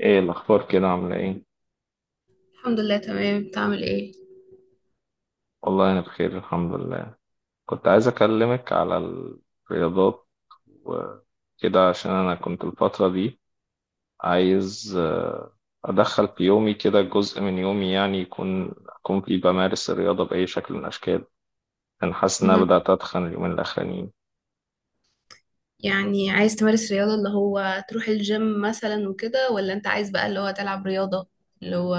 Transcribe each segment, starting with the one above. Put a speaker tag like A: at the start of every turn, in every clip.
A: ايه الاخبار كده؟ عامله ايه؟
B: الحمد لله تمام، بتعمل ايه؟
A: والله انا بخير الحمد لله. كنت عايز اكلمك على الرياضات وكده، عشان انا كنت الفتره دي عايز ادخل في يومي كده جزء من يومي، يعني اكون فيه بمارس الرياضه باي شكل من الاشكال. انا حاسس ان انا
B: مهم.
A: بدات اتخن اليومين الاخرانيين.
B: يعني عايز تمارس رياضة اللي هو تروح الجيم مثلا وكده، ولا انت عايز بقى اللي هو تلعب رياضة اللي هو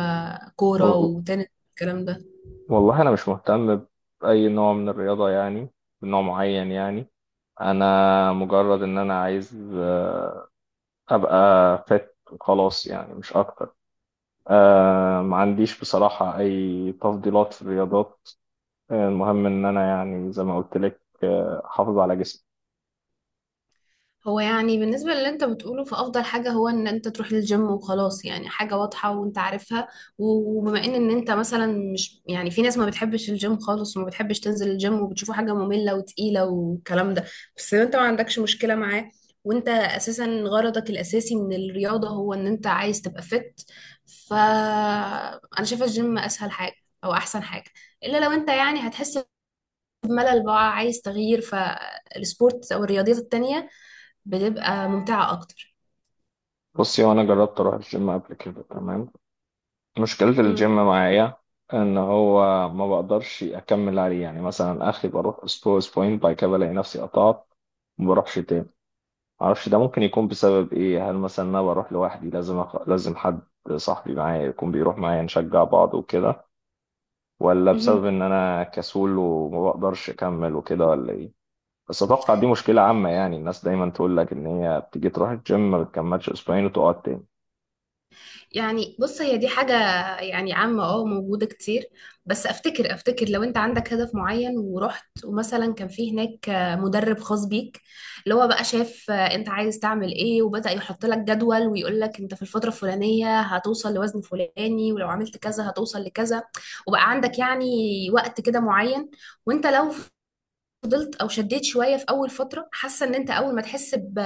B: كورة
A: و-
B: وتنس الكلام ده؟
A: والله انا مش مهتم باي نوع من الرياضه يعني، بنوع معين يعني. انا مجرد ان انا عايز ابقى فت وخلاص، يعني مش اكتر. ما عنديش بصراحة أي تفضيلات في الرياضات. المهم إن أنا، يعني زي ما قلت لك، أحافظ على جسمي.
B: هو يعني بالنسبة للي انت بتقوله، فأفضل حاجة هو ان انت تروح للجيم وخلاص، يعني حاجة واضحة وانت عارفها. وبما ان انت مثلا مش يعني، في ناس ما بتحبش الجيم خالص وما بتحبش تنزل الجيم وبتشوفه حاجة مملة وتقيلة والكلام ده، بس انت ما عندكش مشكلة معاه، وانت اساسا غرضك الاساسي من الرياضة هو ان انت عايز تبقى فت. فأنا شايفة الجيم اسهل حاجة او احسن حاجة، الا لو انت يعني هتحس بملل بقى عايز تغيير، فالسبورت او الرياضيات التانية بتبقى ممتعة أكتر.
A: بصي، وأنا جربت أروح الجيم قبل كده، تمام. مشكلة الجيم
B: امم.
A: معايا إن هو ما بقدرش أكمل عليه يعني، مثلا آخري بروح أسبوع أسبوعين، بعد كده بلاقي نفسي قطعت، ما بروحش تاني. معرفش ده ممكن يكون بسبب إيه، هل مثلا أنا بروح لوحدي، لازم لازم حد صاحبي معايا يكون بيروح معايا نشجع بعض وكده، ولا بسبب
B: امم.
A: ان انا كسول وما بقدرش اكمل وكده، ولا ايه؟ بس اتوقع دي مشكلة عامة يعني، الناس دايما تقول لك ان هي بتيجي تروح الجيم ما بتكملش اسبوعين وتقعد تاني.
B: يعني بص، هي دي حاجة يعني عامة اه موجودة كتير، بس افتكر لو انت عندك هدف معين ورحت، ومثلا كان في هناك مدرب خاص بيك، اللي هو بقى شاف انت عايز تعمل ايه وبدأ يحط لك جدول، ويقول لك انت في الفترة الفلانية هتوصل لوزن فلاني، ولو عملت كذا هتوصل لكذا، وبقى عندك يعني وقت كده معين. وانت لو فضلت او شديت شويه في اول فتره، حاسه ان انت اول ما تحس ب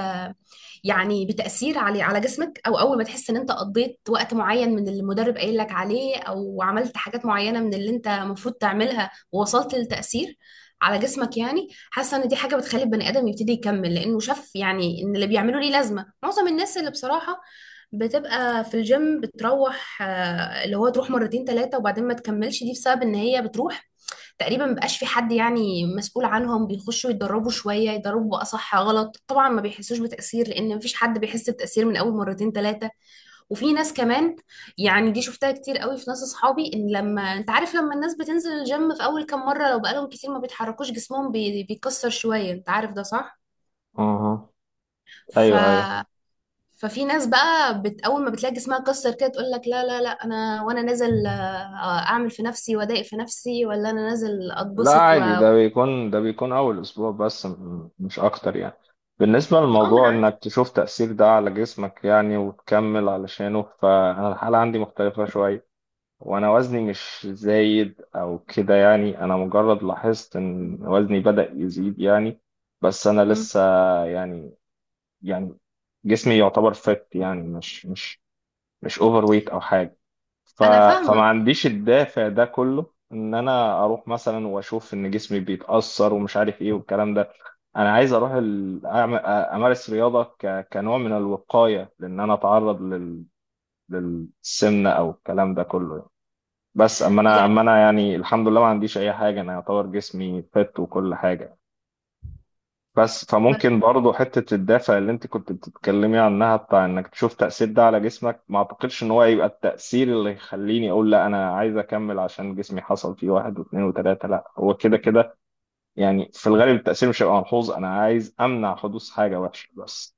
B: يعني بتاثير على جسمك، او اول ما تحس ان انت قضيت وقت معين من اللي المدرب قايل لك عليه، او عملت حاجات معينه من اللي انت المفروض تعملها، ووصلت للتاثير على جسمك، يعني حاسه ان دي حاجه بتخلي البني ادم يبتدي يكمل، لانه شاف يعني ان اللي بيعمله ليه لازمه. معظم الناس اللي بصراحه بتبقى في الجيم بتروح اللي هو تروح مرتين ثلاثه وبعدين ما تكملش، دي بسبب ان هي بتروح تقريبا مبقاش في حد يعني مسؤول عنهم، بيخشوا يتدربوا شوية يدربوا بقى صح غلط، طبعا ما بيحسوش بتأثير لأن مفيش حد بيحس بتأثير من أول مرتين ثلاثة. وفي ناس كمان، يعني دي شفتها كتير قوي في ناس أصحابي، إن لما أنت عارف لما الناس بتنزل الجيم في أول كام مرة لو بقالهم كتير ما بيتحركوش، جسمهم بيكسر شوية، أنت عارف ده صح؟
A: اها،
B: ف
A: ايوه ايوه.
B: ففي ناس بقى اول ما بتلاقي جسمها اتكسر كده تقول لك لا لا لا، انا وانا نازل اعمل في نفسي وادايق في نفسي، ولا انا نازل
A: لا
B: اتبسط
A: عادي، ده
B: اه.
A: بيكون أول أسبوع بس، مش أكتر يعني. بالنسبة
B: ما
A: للموضوع
B: انا
A: إنك تشوف تأثير ده على جسمك يعني، وتكمل علشانه، فأنا الحالة عندي مختلفة شوية. وانا وزني مش زايد او كده يعني، انا مجرد لاحظت ان وزني بدأ يزيد يعني. بس انا
B: عارفة.
A: لسه يعني، يعني جسمي يعتبر فت يعني، مش اوفر ويت او حاجه. ف
B: انا
A: فما
B: فاهمه
A: عنديش الدافع ده كله ان انا اروح مثلا واشوف ان جسمي بيتأثر ومش عارف ايه والكلام ده. انا عايز اروح امارس رياضه كنوع من الوقايه، لان انا اتعرض للسمنه او الكلام ده كله يعني. بس اما انا
B: يعني.
A: اما انا يعني الحمد لله ما عنديش اي حاجه، انا يعتبر جسمي فت وكل حاجه. بس
B: بس
A: فممكن برضه حته الدافع اللي انت كنت بتتكلمي عنها، بتاع انك تشوف تاثير ده على جسمك، ما اعتقدش ان هو يبقى التاثير اللي يخليني اقول لا انا عايز اكمل عشان جسمي حصل فيه واحد واثنين وثلاثه، لا هو كده كده يعني، في الغالب التاثير مش هيبقى ملحوظ، انا عايز امنع حدوث حاجه وحشه بس.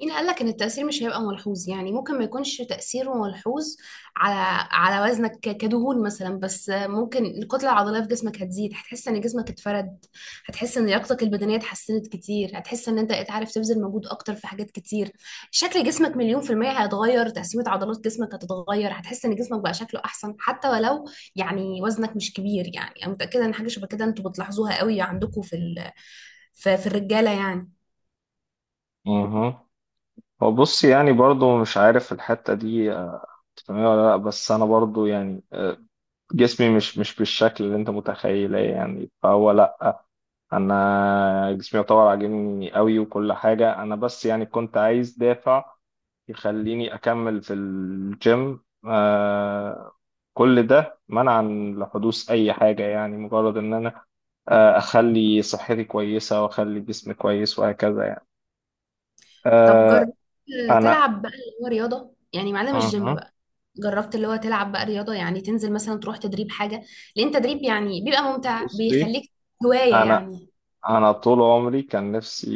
B: مين قال لك ان التاثير مش هيبقى ملحوظ؟ يعني ممكن ما يكونش تاثيره ملحوظ على وزنك كدهون مثلا، بس ممكن الكتله العضليه في جسمك هتزيد، هتحس ان جسمك اتفرد، هتحس ان لياقتك البدنيه اتحسنت كتير، هتحس ان انت بقيت عارف تبذل مجهود اكتر في حاجات كتير، شكل جسمك مليون في الميه هيتغير، تقسيمه عضلات جسمك هتتغير، هتحس ان جسمك بقى شكله احسن حتى ولو يعني وزنك مش كبير. يعني انا متاكده ان حاجه شبه كده انتوا بتلاحظوها قوي عندكم في الرجاله يعني.
A: اها. هو بصي يعني، برضه مش عارف الحته دي تفهميها ولا لا، بس انا برضه يعني جسمي مش مش بالشكل اللي انت متخيله يعني، فهو لا، انا جسمي يعتبر عاجبني قوي وكل حاجه. انا بس يعني كنت عايز دافع يخليني اكمل في الجيم، كل ده منعا لحدوث اي حاجه يعني، مجرد ان انا اخلي صحتي كويسه واخلي جسمي كويس وهكذا يعني.
B: طب
A: آه
B: جربت
A: انا
B: تلعب بقى اللي هو رياضة يعني معانا مش جيم
A: أها،
B: بقى؟ جربت اللي هو تلعب بقى رياضة، يعني تنزل مثلا تروح تدريب حاجة؟ لأن تدريب يعني بيبقى ممتع،
A: بصي،
B: بيخليك هواية
A: انا
B: يعني.
A: انا طول عمري كان نفسي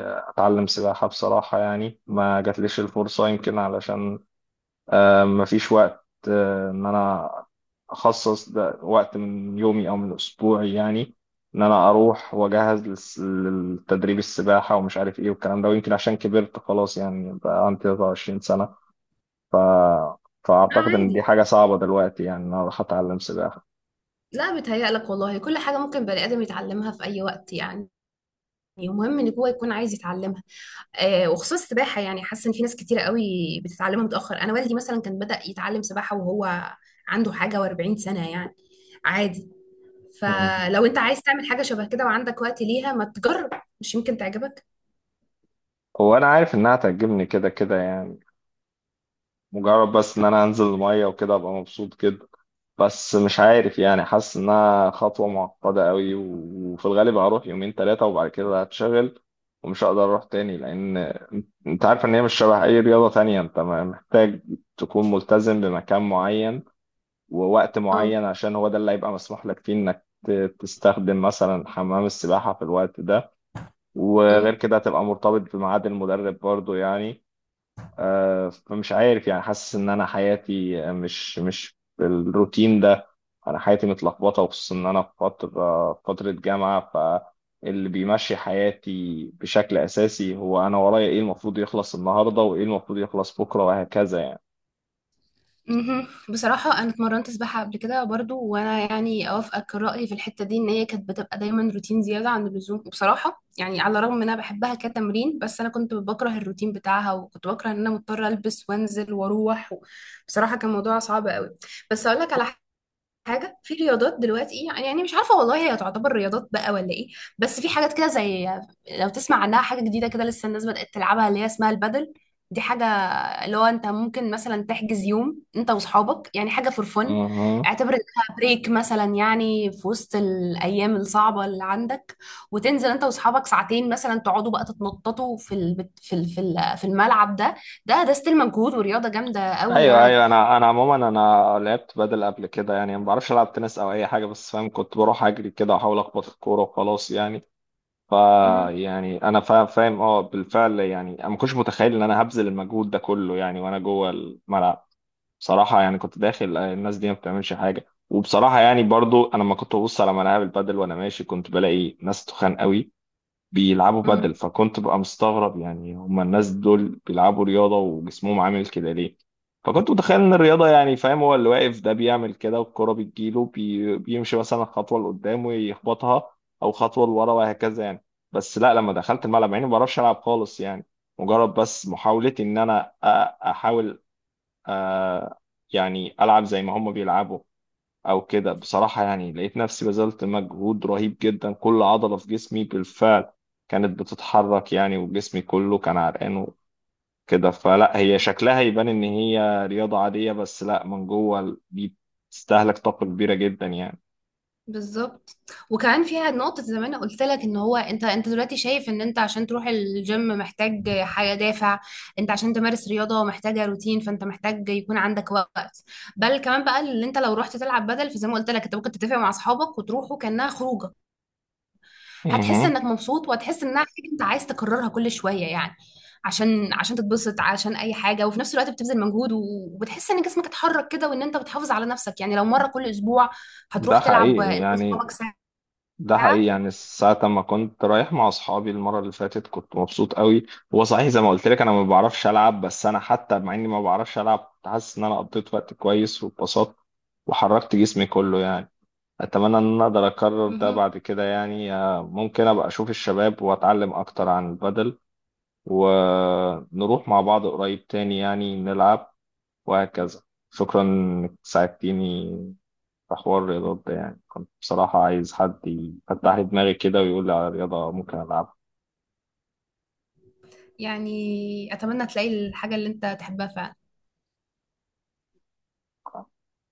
A: اتعلم سباحة بصراحة يعني، ما جاتليش الفرصة، يمكن علشان ما فيش وقت، ان انا اخصص ده وقت من يومي او من اسبوعي يعني، ان انا اروح واجهز للتدريب السباحة ومش عارف ايه والكلام ده. ويمكن عشان كبرت خلاص يعني، بقى عندي 23 سنة. ف...
B: لا
A: فاعتقد ان دي
B: عادي،
A: حاجة صعبة دلوقتي يعني ان انا اروح اتعلم سباحة.
B: لا بيتهيألك والله، كل حاجة ممكن بني آدم يتعلمها في أي وقت يعني، المهم ان هو يكون عايز يتعلمها. آه، وخصوصا السباحه، يعني حاسه ان في ناس كتيره قوي بتتعلمها متاخر، انا والدي مثلا كان بدا يتعلم سباحه وهو عنده حاجه و40 سنه يعني، عادي.
A: مم.
B: فلو انت عايز تعمل حاجة شبه كده وعندك وقت ليها، ما تجرب، مش يمكن تعجبك.
A: وانا عارف انها تعجبني كده كده يعني، مجرد بس ان انا انزل الميه وكده ابقى مبسوط كده. بس مش عارف يعني، حاسس انها خطوه معقده قوي، وفي الغالب هروح يومين ثلاثه وبعد كده هتشغل ومش هقدر اروح تاني، لان انت عارف ان هي مش شبه اي رياضه تانية، انت محتاج تكون ملتزم بمكان معين ووقت
B: اه.
A: معين، عشان هو ده اللي هيبقى مسموح لك فيه انك تستخدم مثلا حمام السباحه في الوقت ده. وغير
B: امم.
A: كده هتبقى مرتبط بميعاد المدرب برضو يعني. فمش عارف يعني، حاسس ان انا حياتي مش مش بالروتين ده، انا حياتي متلخبطه، وخصوصا ان انا في فتره، جامعه، فاللي بيمشي حياتي بشكل اساسي هو انا ورايا ايه المفروض يخلص النهارده، وايه المفروض يخلص بكره، وهكذا يعني.
B: مهم. بصراحة أنا اتمرنت سباحة قبل كده برضو، وأنا يعني أوافقك رأيي في الحتة دي، إن هي كانت بتبقى دايما روتين زيادة عن اللزوم بصراحة، يعني على الرغم إن أنا بحبها كتمرين، بس أنا كنت بكره الروتين بتاعها، وكنت بكره إن أنا مضطرة ألبس وأنزل وأروح بصراحة كان موضوع صعب قوي. بس أقول لك على حاجه في رياضات دلوقتي، يعني يعني مش عارفه والله هي تعتبر رياضات بقى ولا ايه، بس في حاجات كده زي لو تسمع عنها حاجه جديده كده لسه الناس بدات تلعبها، اللي هي اسمها البادل. دي حاجه اللي هو انت ممكن مثلا تحجز يوم انت واصحابك، يعني حاجه فور فن،
A: مهم.
B: اعتبر انها بريك مثلا يعني في وسط الايام الصعبه اللي عندك، وتنزل انت واصحابك ساعتين مثلا تقعدوا بقى تتنططوا في الملعب ده. ده ستيل مجهود ورياضه جامده قوي
A: ايوه
B: يعني.
A: ايوه، انا عموما انا لعبت بدل قبل كده يعني، ما بعرفش العب تنس او اي حاجه، بس فاهم كنت بروح اجري كده واحاول اخبط الكوره وخلاص يعني. يعني انا فاهم، بالفعل يعني انا ما كنتش متخيل ان انا هبذل المجهود ده كله يعني وانا جوه الملعب. بصراحه يعني كنت داخل الناس دي ما بتعملش حاجه. وبصراحه يعني، برضو انا لما كنت ببص على ملاعب البادل وانا ماشي كنت بلاقي ناس تخان قوي بيلعبوا بدل،
B: مهم.
A: فكنت ببقى مستغرب يعني، هما الناس دول بيلعبوا رياضة وجسمهم عامل كده ليه؟ فكنت متخيل ان الرياضة، يعني فاهم، هو اللي واقف ده بيعمل كده والكرة بتجيله بيمشي مثلا خطوة لقدام ويخبطها، او خطوة لورا، وهكذا يعني. بس لا، لما دخلت الملعب يعني ما بعرفش العب خالص يعني، مجرد بس محاولتي ان انا احاول أ... يعني العب زي ما هما بيلعبوا او كده. بصراحة يعني لقيت نفسي بذلت مجهود رهيب جدا، كل عضلة في جسمي بالفعل كانت بتتحرك يعني، وجسمي كله كان عرقان وكده. فلا، هي شكلها يبان ان هي رياضة عادية، بس لا، من جوه دي بتستهلك طاقة كبيرة جدا يعني.
B: بالظبط. وكمان فيها نقطة زي ما انا قلت لك، ان هو انت دلوقتي شايف ان انت عشان تروح الجيم محتاج حاجة دافع، انت عشان تمارس رياضة محتاجة روتين، فانت محتاج يكون عندك وقت. بل كمان بقى اللي انت لو رحت تلعب بدل، فزي ما قلت لك انت ممكن تتفق مع اصحابك وتروحوا كأنها خروجة، هتحس
A: مهم.
B: انك مبسوط، وهتحس انها حاجة انت عايز تكررها كل شوية يعني، عشان تتبسط، عشان اي حاجة، وفي نفس الوقت بتبذل مجهود وبتحس ان جسمك اتحرك كده، وان انت بتحافظ على نفسك يعني. لو مرة كل اسبوع
A: ده
B: هتروح تلعب
A: حقيقي
B: انت
A: يعني،
B: واصحابك
A: ده حقيقي
B: ساعة.
A: يعني، ساعة ما كنت رايح مع أصحابي المرة اللي فاتت كنت مبسوط قوي. هو صحيح زي ما قلت لك أنا ما بعرفش ألعب، بس أنا حتى مع إني ما بعرفش ألعب كنت حاسس إن أنا قضيت وقت كويس واتبسطت وحركت جسمي كله يعني. أتمنى إن أنا أقدر أكرر ده
B: مهم.
A: بعد كده يعني، ممكن أبقى أشوف الشباب وأتعلم أكتر عن البدل، ونروح مع بعض قريب تاني يعني نلعب وهكذا. شكرا إنك ساعدتيني في حوار الرياضات ده، يعني كنت بصراحة عايز حد يفتح لي دماغي كده ويقول لي على رياضة ممكن ألعبها.
B: يعني أتمنى تلاقي الحاجة اللي أنت تحبها فعلا.